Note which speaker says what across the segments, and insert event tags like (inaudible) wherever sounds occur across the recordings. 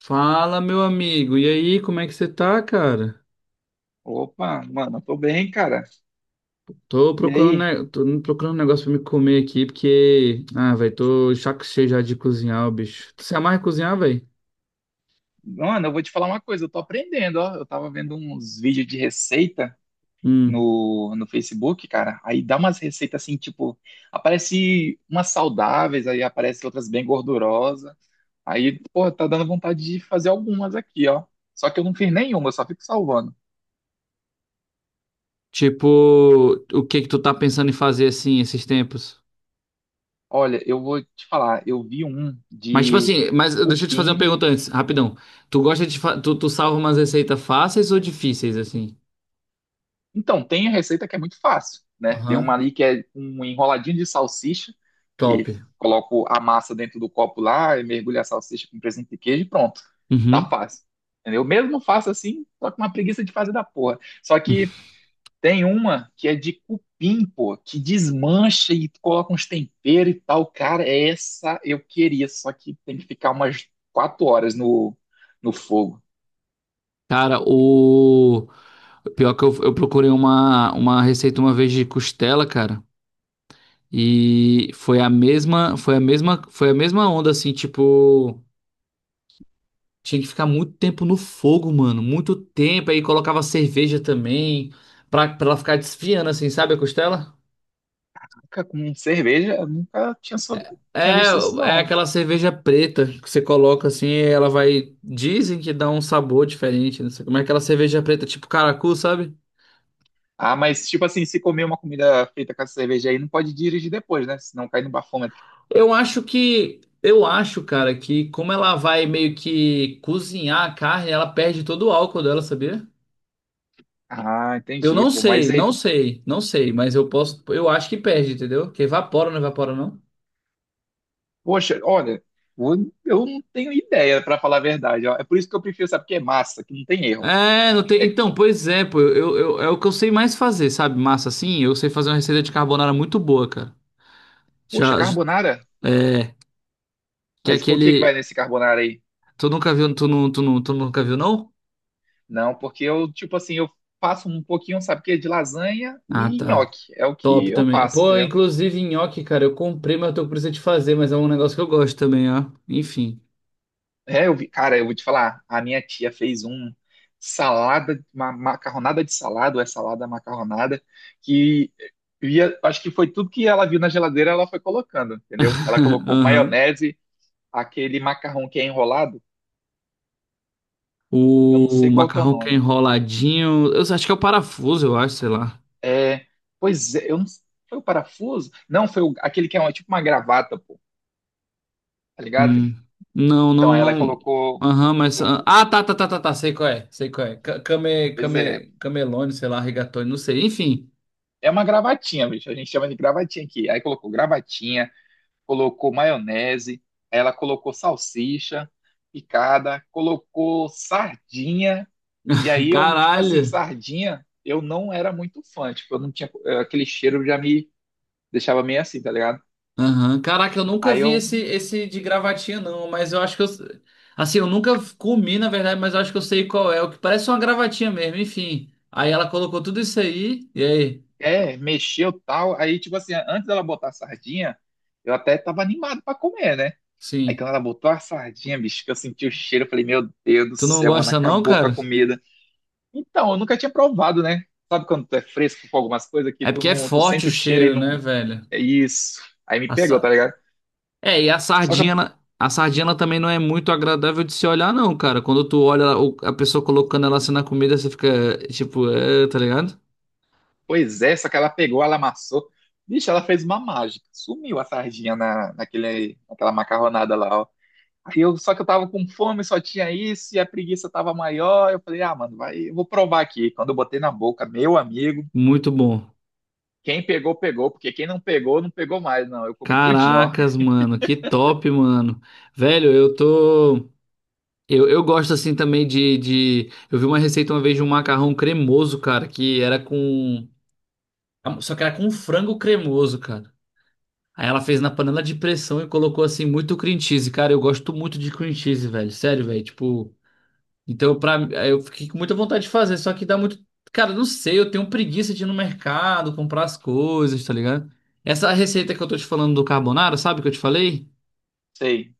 Speaker 1: Fala, meu amigo. E aí, como é que você tá, cara?
Speaker 2: Opa, mano, eu tô bem, cara. E aí?
Speaker 1: Tô procurando um negócio pra me comer aqui, porque. Ah, velho, tô chaco cheio já de cozinhar, o bicho. Tu se amarra em cozinhar, velho?
Speaker 2: Mano, eu vou te falar uma coisa, eu tô aprendendo, ó. Eu tava vendo uns vídeos de receita
Speaker 1: Hum.
Speaker 2: no Facebook, cara. Aí dá umas receitas assim, tipo, aparece umas saudáveis, aí aparece outras bem gordurosas. Aí, pô, tá dando vontade de fazer algumas aqui, ó. Só que eu não fiz nenhuma, eu só fico salvando.
Speaker 1: Tipo, o que que tu tá pensando em fazer assim esses tempos?
Speaker 2: Olha, eu vou te falar, eu vi um
Speaker 1: Mas, tipo
Speaker 2: de
Speaker 1: assim, mas deixa eu te fazer uma
Speaker 2: cupim.
Speaker 1: pergunta antes, rapidão. Tu gosta de. Fa- Tu, tu salva umas receitas fáceis ou difíceis, assim?
Speaker 2: Então, tem a receita que é muito fácil, né? Tem uma
Speaker 1: Aham.
Speaker 2: ali que é um enroladinho de salsicha,
Speaker 1: Top.
Speaker 2: que coloco a massa dentro do copo lá, e mergulho a salsicha com presunto e queijo e pronto. Tá
Speaker 1: Uhum.
Speaker 2: fácil. Entendeu? Eu mesmo faço assim, só com uma preguiça de fazer da porra. Só
Speaker 1: (laughs)
Speaker 2: que tem uma que é de cupim, pô, que desmancha e coloca uns temperos e tal. Cara, essa eu queria, só que tem que ficar umas quatro horas no, no fogo.
Speaker 1: Cara, o pior que eu procurei uma receita uma vez de costela, cara, e foi a mesma, foi a mesma, foi a mesma onda assim, tipo, tinha que ficar muito tempo no fogo, mano, muito tempo, aí colocava cerveja também pra ela ficar desfiando assim, sabe a costela?
Speaker 2: Nunca com cerveja, eu nunca tinha, tinha
Speaker 1: É,
Speaker 2: visto isso,
Speaker 1: é
Speaker 2: não.
Speaker 1: aquela cerveja preta que você coloca assim, e ela vai, dizem que dá um sabor diferente, não sei como é aquela cerveja preta, tipo caracu, sabe?
Speaker 2: Ah, mas tipo assim, se comer uma comida feita com essa cerveja aí, não pode dirigir depois, né? Senão cai no bafômetro.
Speaker 1: Eu acho, cara, que como ela vai meio que cozinhar a carne, ela perde todo o álcool dela, sabia?
Speaker 2: Ah,
Speaker 1: Eu
Speaker 2: entendi,
Speaker 1: não
Speaker 2: pô. Mas
Speaker 1: sei,
Speaker 2: aí
Speaker 1: não
Speaker 2: tu,
Speaker 1: sei, não sei, mas eu posso, eu acho que perde, entendeu? Que evapora, não evapora, não?
Speaker 2: poxa, olha, eu não tenho ideia, pra falar a verdade, ó. É por isso que eu prefiro, sabe, que é massa, que não tem erro.
Speaker 1: É, não tem.
Speaker 2: É,
Speaker 1: Então, pois é, pô, é o que eu sei mais fazer, sabe? Massa assim, eu sei fazer uma receita de carbonara muito boa, cara.
Speaker 2: poxa,
Speaker 1: Já, j-
Speaker 2: carbonara?
Speaker 1: é, que é
Speaker 2: Mas com o que que vai
Speaker 1: aquele.
Speaker 2: nesse carbonara aí?
Speaker 1: Tu nunca viu, não?
Speaker 2: Não, porque eu, tipo assim, eu faço um pouquinho, sabe o quê? De lasanha
Speaker 1: Ah,
Speaker 2: e
Speaker 1: tá.
Speaker 2: nhoque. É o que
Speaker 1: Top
Speaker 2: eu
Speaker 1: também.
Speaker 2: faço,
Speaker 1: Pô,
Speaker 2: entendeu?
Speaker 1: inclusive nhoque, cara, eu comprei, mas eu tô com preguiça de fazer, mas é um negócio que eu gosto também, ó. Enfim.
Speaker 2: É, eu vi, cara, eu vou te falar, a minha tia fez um salada, uma macarronada de salada, ou é salada macarronada, que eu ia, acho que foi tudo que ela viu na geladeira, ela foi colocando, entendeu? Ela
Speaker 1: (laughs)
Speaker 2: colocou
Speaker 1: Aham.
Speaker 2: maionese, aquele macarrão que é enrolado, eu não sei
Speaker 1: O
Speaker 2: qual que é o
Speaker 1: macarrão que é
Speaker 2: nome.
Speaker 1: enroladinho. Eu acho que é o parafuso, eu acho, sei lá.
Speaker 2: É, pois é, eu não, foi o parafuso? Não, foi o- aquele que é uma- tipo uma gravata, pô, tá ligado?
Speaker 1: Hum. Não,
Speaker 2: Então
Speaker 1: não,
Speaker 2: ela
Speaker 1: não.
Speaker 2: colocou,
Speaker 1: Aham, mas. Ah,
Speaker 2: eu-
Speaker 1: ah, tá, tá, tá, tá, tá. Sei qual é. Sei qual é.
Speaker 2: pois é,
Speaker 1: Camelone, sei lá, rigatoni, não sei. Enfim.
Speaker 2: é uma gravatinha, bicho, a gente chama de gravatinha aqui. Aí colocou gravatinha, colocou maionese, aí ela colocou salsicha picada, colocou sardinha, e
Speaker 1: (laughs)
Speaker 2: aí eu, tipo assim,
Speaker 1: Caralho.
Speaker 2: sardinha, eu não era muito fã, tipo, eu não tinha, aquele cheiro já me deixava meio assim, tá ligado?
Speaker 1: Aham. Caraca, eu nunca
Speaker 2: Aí
Speaker 1: vi
Speaker 2: eu,
Speaker 1: esse de gravatinha, não, mas eu acho que eu. Assim, eu nunca comi, na verdade, mas eu acho que eu sei qual é. O que parece uma gravatinha mesmo, enfim. Aí ela colocou tudo isso aí, e aí?
Speaker 2: é, mexeu tal, aí tipo assim, antes dela botar a sardinha, eu até tava animado pra comer, né? Aí
Speaker 1: Sim.
Speaker 2: quando ela botou a sardinha, bicho, que eu senti o cheiro, eu falei, meu Deus do
Speaker 1: Tu não
Speaker 2: céu, mano,
Speaker 1: gosta, não,
Speaker 2: acabou com a
Speaker 1: cara?
Speaker 2: comida. Então, eu nunca tinha provado, né? Sabe quando tu é fresco com algumas coisas que
Speaker 1: É
Speaker 2: tu
Speaker 1: porque é
Speaker 2: não, tu
Speaker 1: forte
Speaker 2: sente
Speaker 1: o
Speaker 2: o cheiro e
Speaker 1: cheiro, né,
Speaker 2: não.
Speaker 1: velho?
Speaker 2: É isso. Aí me
Speaker 1: A
Speaker 2: pegou, tá
Speaker 1: sa-
Speaker 2: ligado?
Speaker 1: É, e a
Speaker 2: Só que,
Speaker 1: sardinha, a sardinha ela também não é muito agradável de se olhar, não, cara. Quando tu olha a pessoa colocando ela assim na comida, você fica, tipo, é, tá ligado?
Speaker 2: pois é, só que ela pegou, ela amassou. Bicho, ela fez uma mágica. Sumiu a sardinha na, naquele, naquela macarronada lá, ó. Aí eu, só que eu tava com fome, só tinha isso, e a preguiça tava maior. Eu falei, ah, mano, vai, eu vou provar aqui. Quando eu botei na boca, meu amigo,
Speaker 1: Muito bom.
Speaker 2: quem pegou, pegou, porque quem não pegou, não pegou mais, não. Eu comi tudinho, ó.
Speaker 1: Caracas, mano, que top, mano. Velho, eu tô. Eu gosto assim também de. Eu vi uma receita uma vez de um macarrão cremoso, cara, que era com. Só que era com frango cremoso, cara. Aí ela fez na panela de pressão e colocou assim muito cream cheese. Cara, eu gosto muito de cream cheese, velho. Sério, velho. Tipo. Então, pra... aí eu fiquei com muita vontade de fazer, só que dá muito. Cara, não sei, eu tenho preguiça de ir no mercado, comprar as coisas, tá ligado? Essa receita que eu tô te falando do carbonara, sabe que eu te falei?
Speaker 2: Sei.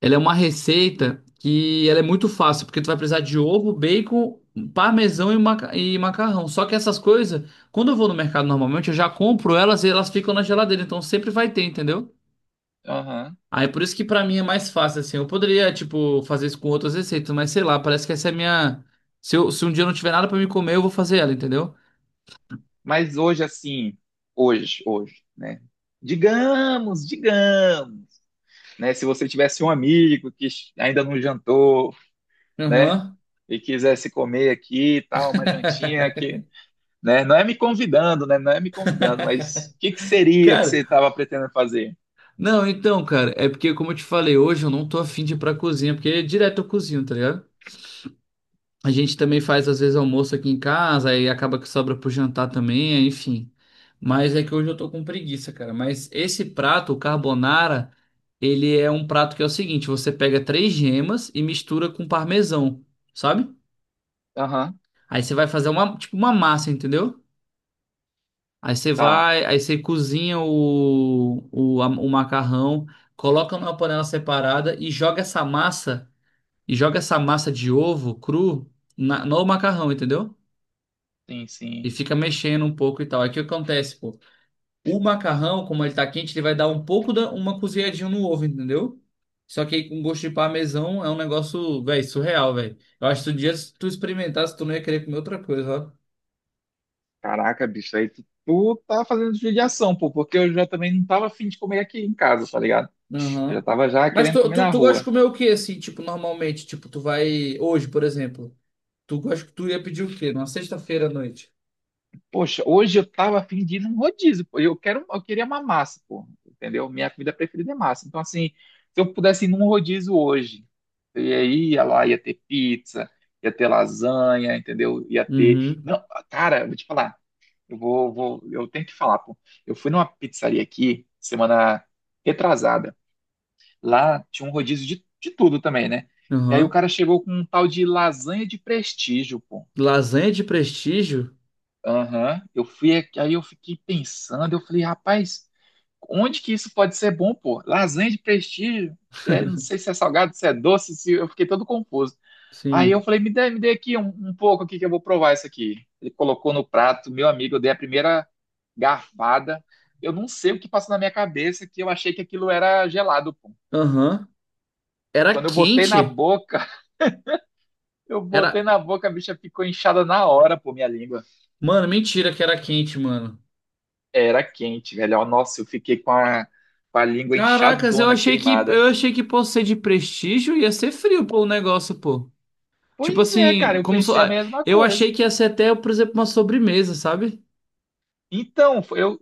Speaker 1: Ela é uma receita que ela é muito fácil, porque tu vai precisar de ovo, bacon, parmesão e macarrão. Só que essas coisas, quando eu vou no mercado normalmente, eu já compro elas e elas ficam na geladeira, então sempre vai ter, entendeu?
Speaker 2: Aham.
Speaker 1: Aí por isso que pra mim é mais fácil assim. Eu poderia, tipo, fazer isso com outras receitas, mas sei lá, parece que essa é a minha se um dia eu não tiver nada pra me comer, eu vou fazer ela, entendeu?
Speaker 2: Mas hoje, assim, hoje, hoje, né? Digamos, digamos, né? Se você tivesse um amigo que ainda não jantou, né?
Speaker 1: Aham.
Speaker 2: E quisesse comer aqui e tal, uma jantinha aqui, né? Não é me convidando, né? Não é me convidando, mas o que que seria que
Speaker 1: Cara,
Speaker 2: você estava pretendendo fazer?
Speaker 1: não, então, cara, é porque como eu te falei, hoje eu não tô afim de ir pra cozinha, porque direto eu cozinho, tá ligado? A gente também faz às vezes almoço aqui em casa, aí acaba que sobra pro jantar também, é, enfim. Mas é que hoje eu tô com preguiça, cara. Mas esse prato, o carbonara, ele é um prato que é o seguinte: você pega três gemas e mistura com parmesão, sabe?
Speaker 2: Aham,
Speaker 1: Aí você vai fazer uma, tipo, uma massa, entendeu? Aí você
Speaker 2: tá.
Speaker 1: vai, aí você cozinha o macarrão, coloca numa panela separada e joga essa massa, e joga essa massa de ovo cru no macarrão, entendeu?
Speaker 2: Sim,
Speaker 1: E
Speaker 2: sim.
Speaker 1: fica mexendo um pouco e tal. Aí o que acontece, pô? O macarrão, como ele tá quente, ele vai dar um pouco da uma cozinhadinha no ovo, entendeu? Só que aí com gosto de parmesão é um negócio, velho, surreal, velho. Eu acho que um dia se tu experimentasse, tu não ia querer comer outra coisa,
Speaker 2: Caraca, bicho, aí tu, tá fazendo judiação, pô, porque eu já também não tava afim de comer aqui em casa, tá ligado?
Speaker 1: ó.
Speaker 2: Eu já
Speaker 1: Aham.
Speaker 2: tava já
Speaker 1: Mas
Speaker 2: querendo
Speaker 1: tu,
Speaker 2: comer
Speaker 1: tu,
Speaker 2: na
Speaker 1: tu gosta de
Speaker 2: rua.
Speaker 1: comer o quê, assim, tipo, normalmente? Tipo, tu vai. Hoje, por exemplo. Tu gosta que tu ia pedir o quê? Numa sexta-feira à noite.
Speaker 2: Poxa, hoje eu tava afim de ir num rodízio, pô. Eu queria uma massa, pô, entendeu? Minha comida preferida é massa. Então, assim, se eu pudesse ir num rodízio hoje, eu ia lá, ia ter pizza, ia ter lasanha, entendeu? Ia ter.
Speaker 1: Uhum.
Speaker 2: Não, cara, eu vou te falar, eu tenho que falar, pô. Eu fui numa pizzaria aqui, semana retrasada. Lá tinha um rodízio de tudo também, né? E aí o
Speaker 1: Aham.
Speaker 2: cara chegou com um tal de lasanha de prestígio, pô.
Speaker 1: Lasanha de prestígio?
Speaker 2: Aham, eu fui, aí eu fiquei pensando, eu falei, rapaz, onde que isso pode ser bom, pô? Lasanha de prestígio, é, não sei se é salgado, se é doce, se eu fiquei todo confuso. Aí eu
Speaker 1: Sim.
Speaker 2: falei, me dê aqui um pouco aqui que eu vou provar isso aqui. Ele colocou no prato, meu amigo, eu dei a primeira garfada. Eu não sei o que passou na minha cabeça que eu achei que aquilo era gelado, pô.
Speaker 1: Aham. Era
Speaker 2: Quando eu botei na
Speaker 1: quente?
Speaker 2: boca, (laughs) eu
Speaker 1: Era,
Speaker 2: botei na boca, a bicha ficou inchada na hora, pô, minha língua.
Speaker 1: mano, mentira que era quente, mano.
Speaker 2: Era quente, velho. Ó, nossa, eu fiquei com a língua
Speaker 1: Caracas, eu
Speaker 2: inchadona,
Speaker 1: achei que eu
Speaker 2: queimada.
Speaker 1: achei que por ser de prestígio ia ser frio, pô, o negócio, pô. Tipo
Speaker 2: Pois é, cara,
Speaker 1: assim,
Speaker 2: eu
Speaker 1: como so...
Speaker 2: pensei a
Speaker 1: ah,
Speaker 2: mesma
Speaker 1: eu
Speaker 2: coisa.
Speaker 1: achei que ia ser até, por exemplo, uma sobremesa, sabe?
Speaker 2: Então,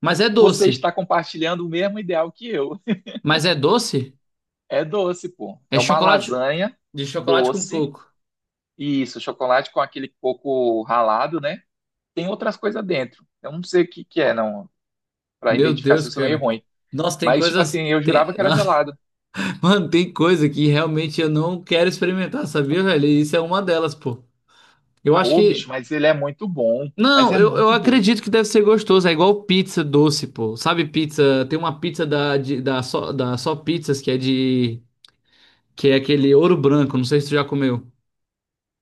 Speaker 1: Mas é
Speaker 2: você
Speaker 1: doce.
Speaker 2: está compartilhando o mesmo ideal que eu.
Speaker 1: Mas é doce?
Speaker 2: É doce, pô.
Speaker 1: É
Speaker 2: É uma
Speaker 1: chocolate
Speaker 2: lasanha
Speaker 1: de chocolate com
Speaker 2: doce.
Speaker 1: coco.
Speaker 2: E isso, chocolate com aquele coco ralado, né? Tem outras coisas dentro. Eu não sei o que que é, não. Pra
Speaker 1: Meu
Speaker 2: identificar se
Speaker 1: Deus,
Speaker 2: eu sou meio
Speaker 1: cara.
Speaker 2: ruim.
Speaker 1: Nossa, tem
Speaker 2: Mas, tipo
Speaker 1: coisas
Speaker 2: assim, eu
Speaker 1: tem...
Speaker 2: jurava que era gelado.
Speaker 1: (laughs) Mano, tem coisa que realmente eu não quero experimentar, sabia, velho? E isso é uma delas, pô. Eu acho
Speaker 2: Pô, bicho,
Speaker 1: que
Speaker 2: mas ele é muito bom. Mas
Speaker 1: Não,
Speaker 2: é
Speaker 1: eu, eu
Speaker 2: muito bom.
Speaker 1: acredito que deve ser gostoso. É igual pizza doce, pô. Sabe pizza? Tem uma pizza da da Só Pizzas que é de. Que é aquele ouro branco. Não sei se tu já comeu.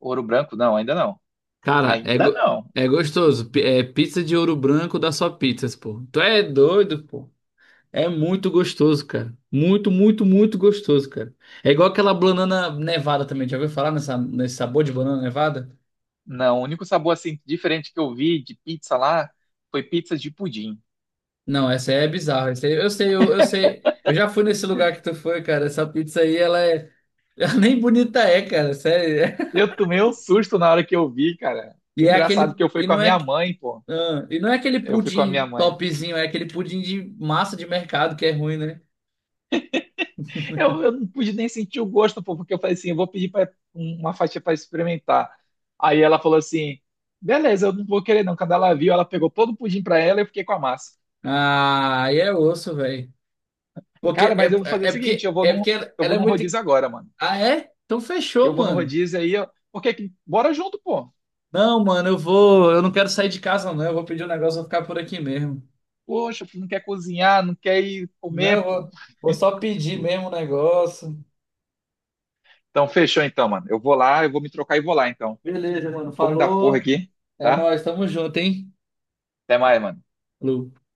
Speaker 2: Ouro branco, não, ainda não.
Speaker 1: Cara, é,
Speaker 2: Ainda
Speaker 1: go-
Speaker 2: não.
Speaker 1: é gostoso. É pizza de ouro branco da Só Pizzas, pô. Tu é doido, pô. É muito gostoso, cara. Muito, muito, muito gostoso, cara. É igual aquela banana nevada também. Já ouviu falar nesse sabor de banana nevada?
Speaker 2: Não, o único sabor assim diferente que eu vi de pizza lá foi pizza de pudim.
Speaker 1: Não, essa aí é bizarra. Essa aí, eu sei, eu sei. Eu já fui nesse lugar que tu foi, cara. Essa pizza aí, ela é. (laughs) Ela nem bonita é, cara. Sério. (laughs)
Speaker 2: Eu tomei um susto na hora que eu vi, cara.
Speaker 1: E é
Speaker 2: Engraçado
Speaker 1: aquele.
Speaker 2: que eu fui
Speaker 1: E
Speaker 2: com a
Speaker 1: não é.
Speaker 2: minha mãe, pô.
Speaker 1: Ah, e não é aquele
Speaker 2: Eu fui com a minha
Speaker 1: pudim
Speaker 2: mãe.
Speaker 1: topzinho, é aquele pudim de massa de mercado que é ruim, né?
Speaker 2: Eu não pude nem sentir o gosto, pô, porque eu falei assim, eu vou pedir pra, um, uma fatia para experimentar. Aí ela falou assim, beleza, eu não vou querer não. Quando ela viu, ela pegou todo o pudim pra ela e eu fiquei com a massa.
Speaker 1: Ah, aí é osso, velho. Porque
Speaker 2: Cara,
Speaker 1: é,
Speaker 2: mas eu vou fazer o
Speaker 1: é é
Speaker 2: seguinte,
Speaker 1: porque é porque ela
Speaker 2: eu
Speaker 1: ela
Speaker 2: vou
Speaker 1: é
Speaker 2: num
Speaker 1: muito.
Speaker 2: rodízio agora, mano.
Speaker 1: Ah, é? Então
Speaker 2: Eu
Speaker 1: fechou,
Speaker 2: vou num
Speaker 1: mano.
Speaker 2: rodízio aí, ó, porque bora junto, pô.
Speaker 1: Não, mano, eu vou. Eu não quero sair de casa, não. Eu vou pedir um negócio, vou ficar por aqui mesmo.
Speaker 2: Poxa, não quer cozinhar, não quer ir
Speaker 1: Não, eu
Speaker 2: comer, pô.
Speaker 1: vou, vou só pedir mesmo o negócio.
Speaker 2: Então, fechou então, mano. Eu vou lá, eu vou me trocar e vou lá, então.
Speaker 1: Beleza, mano.
Speaker 2: Não vou me dar porra
Speaker 1: Falou.
Speaker 2: aqui,
Speaker 1: É
Speaker 2: tá?
Speaker 1: nóis, tamo junto, hein?
Speaker 2: Até mais, mano.
Speaker 1: Falou.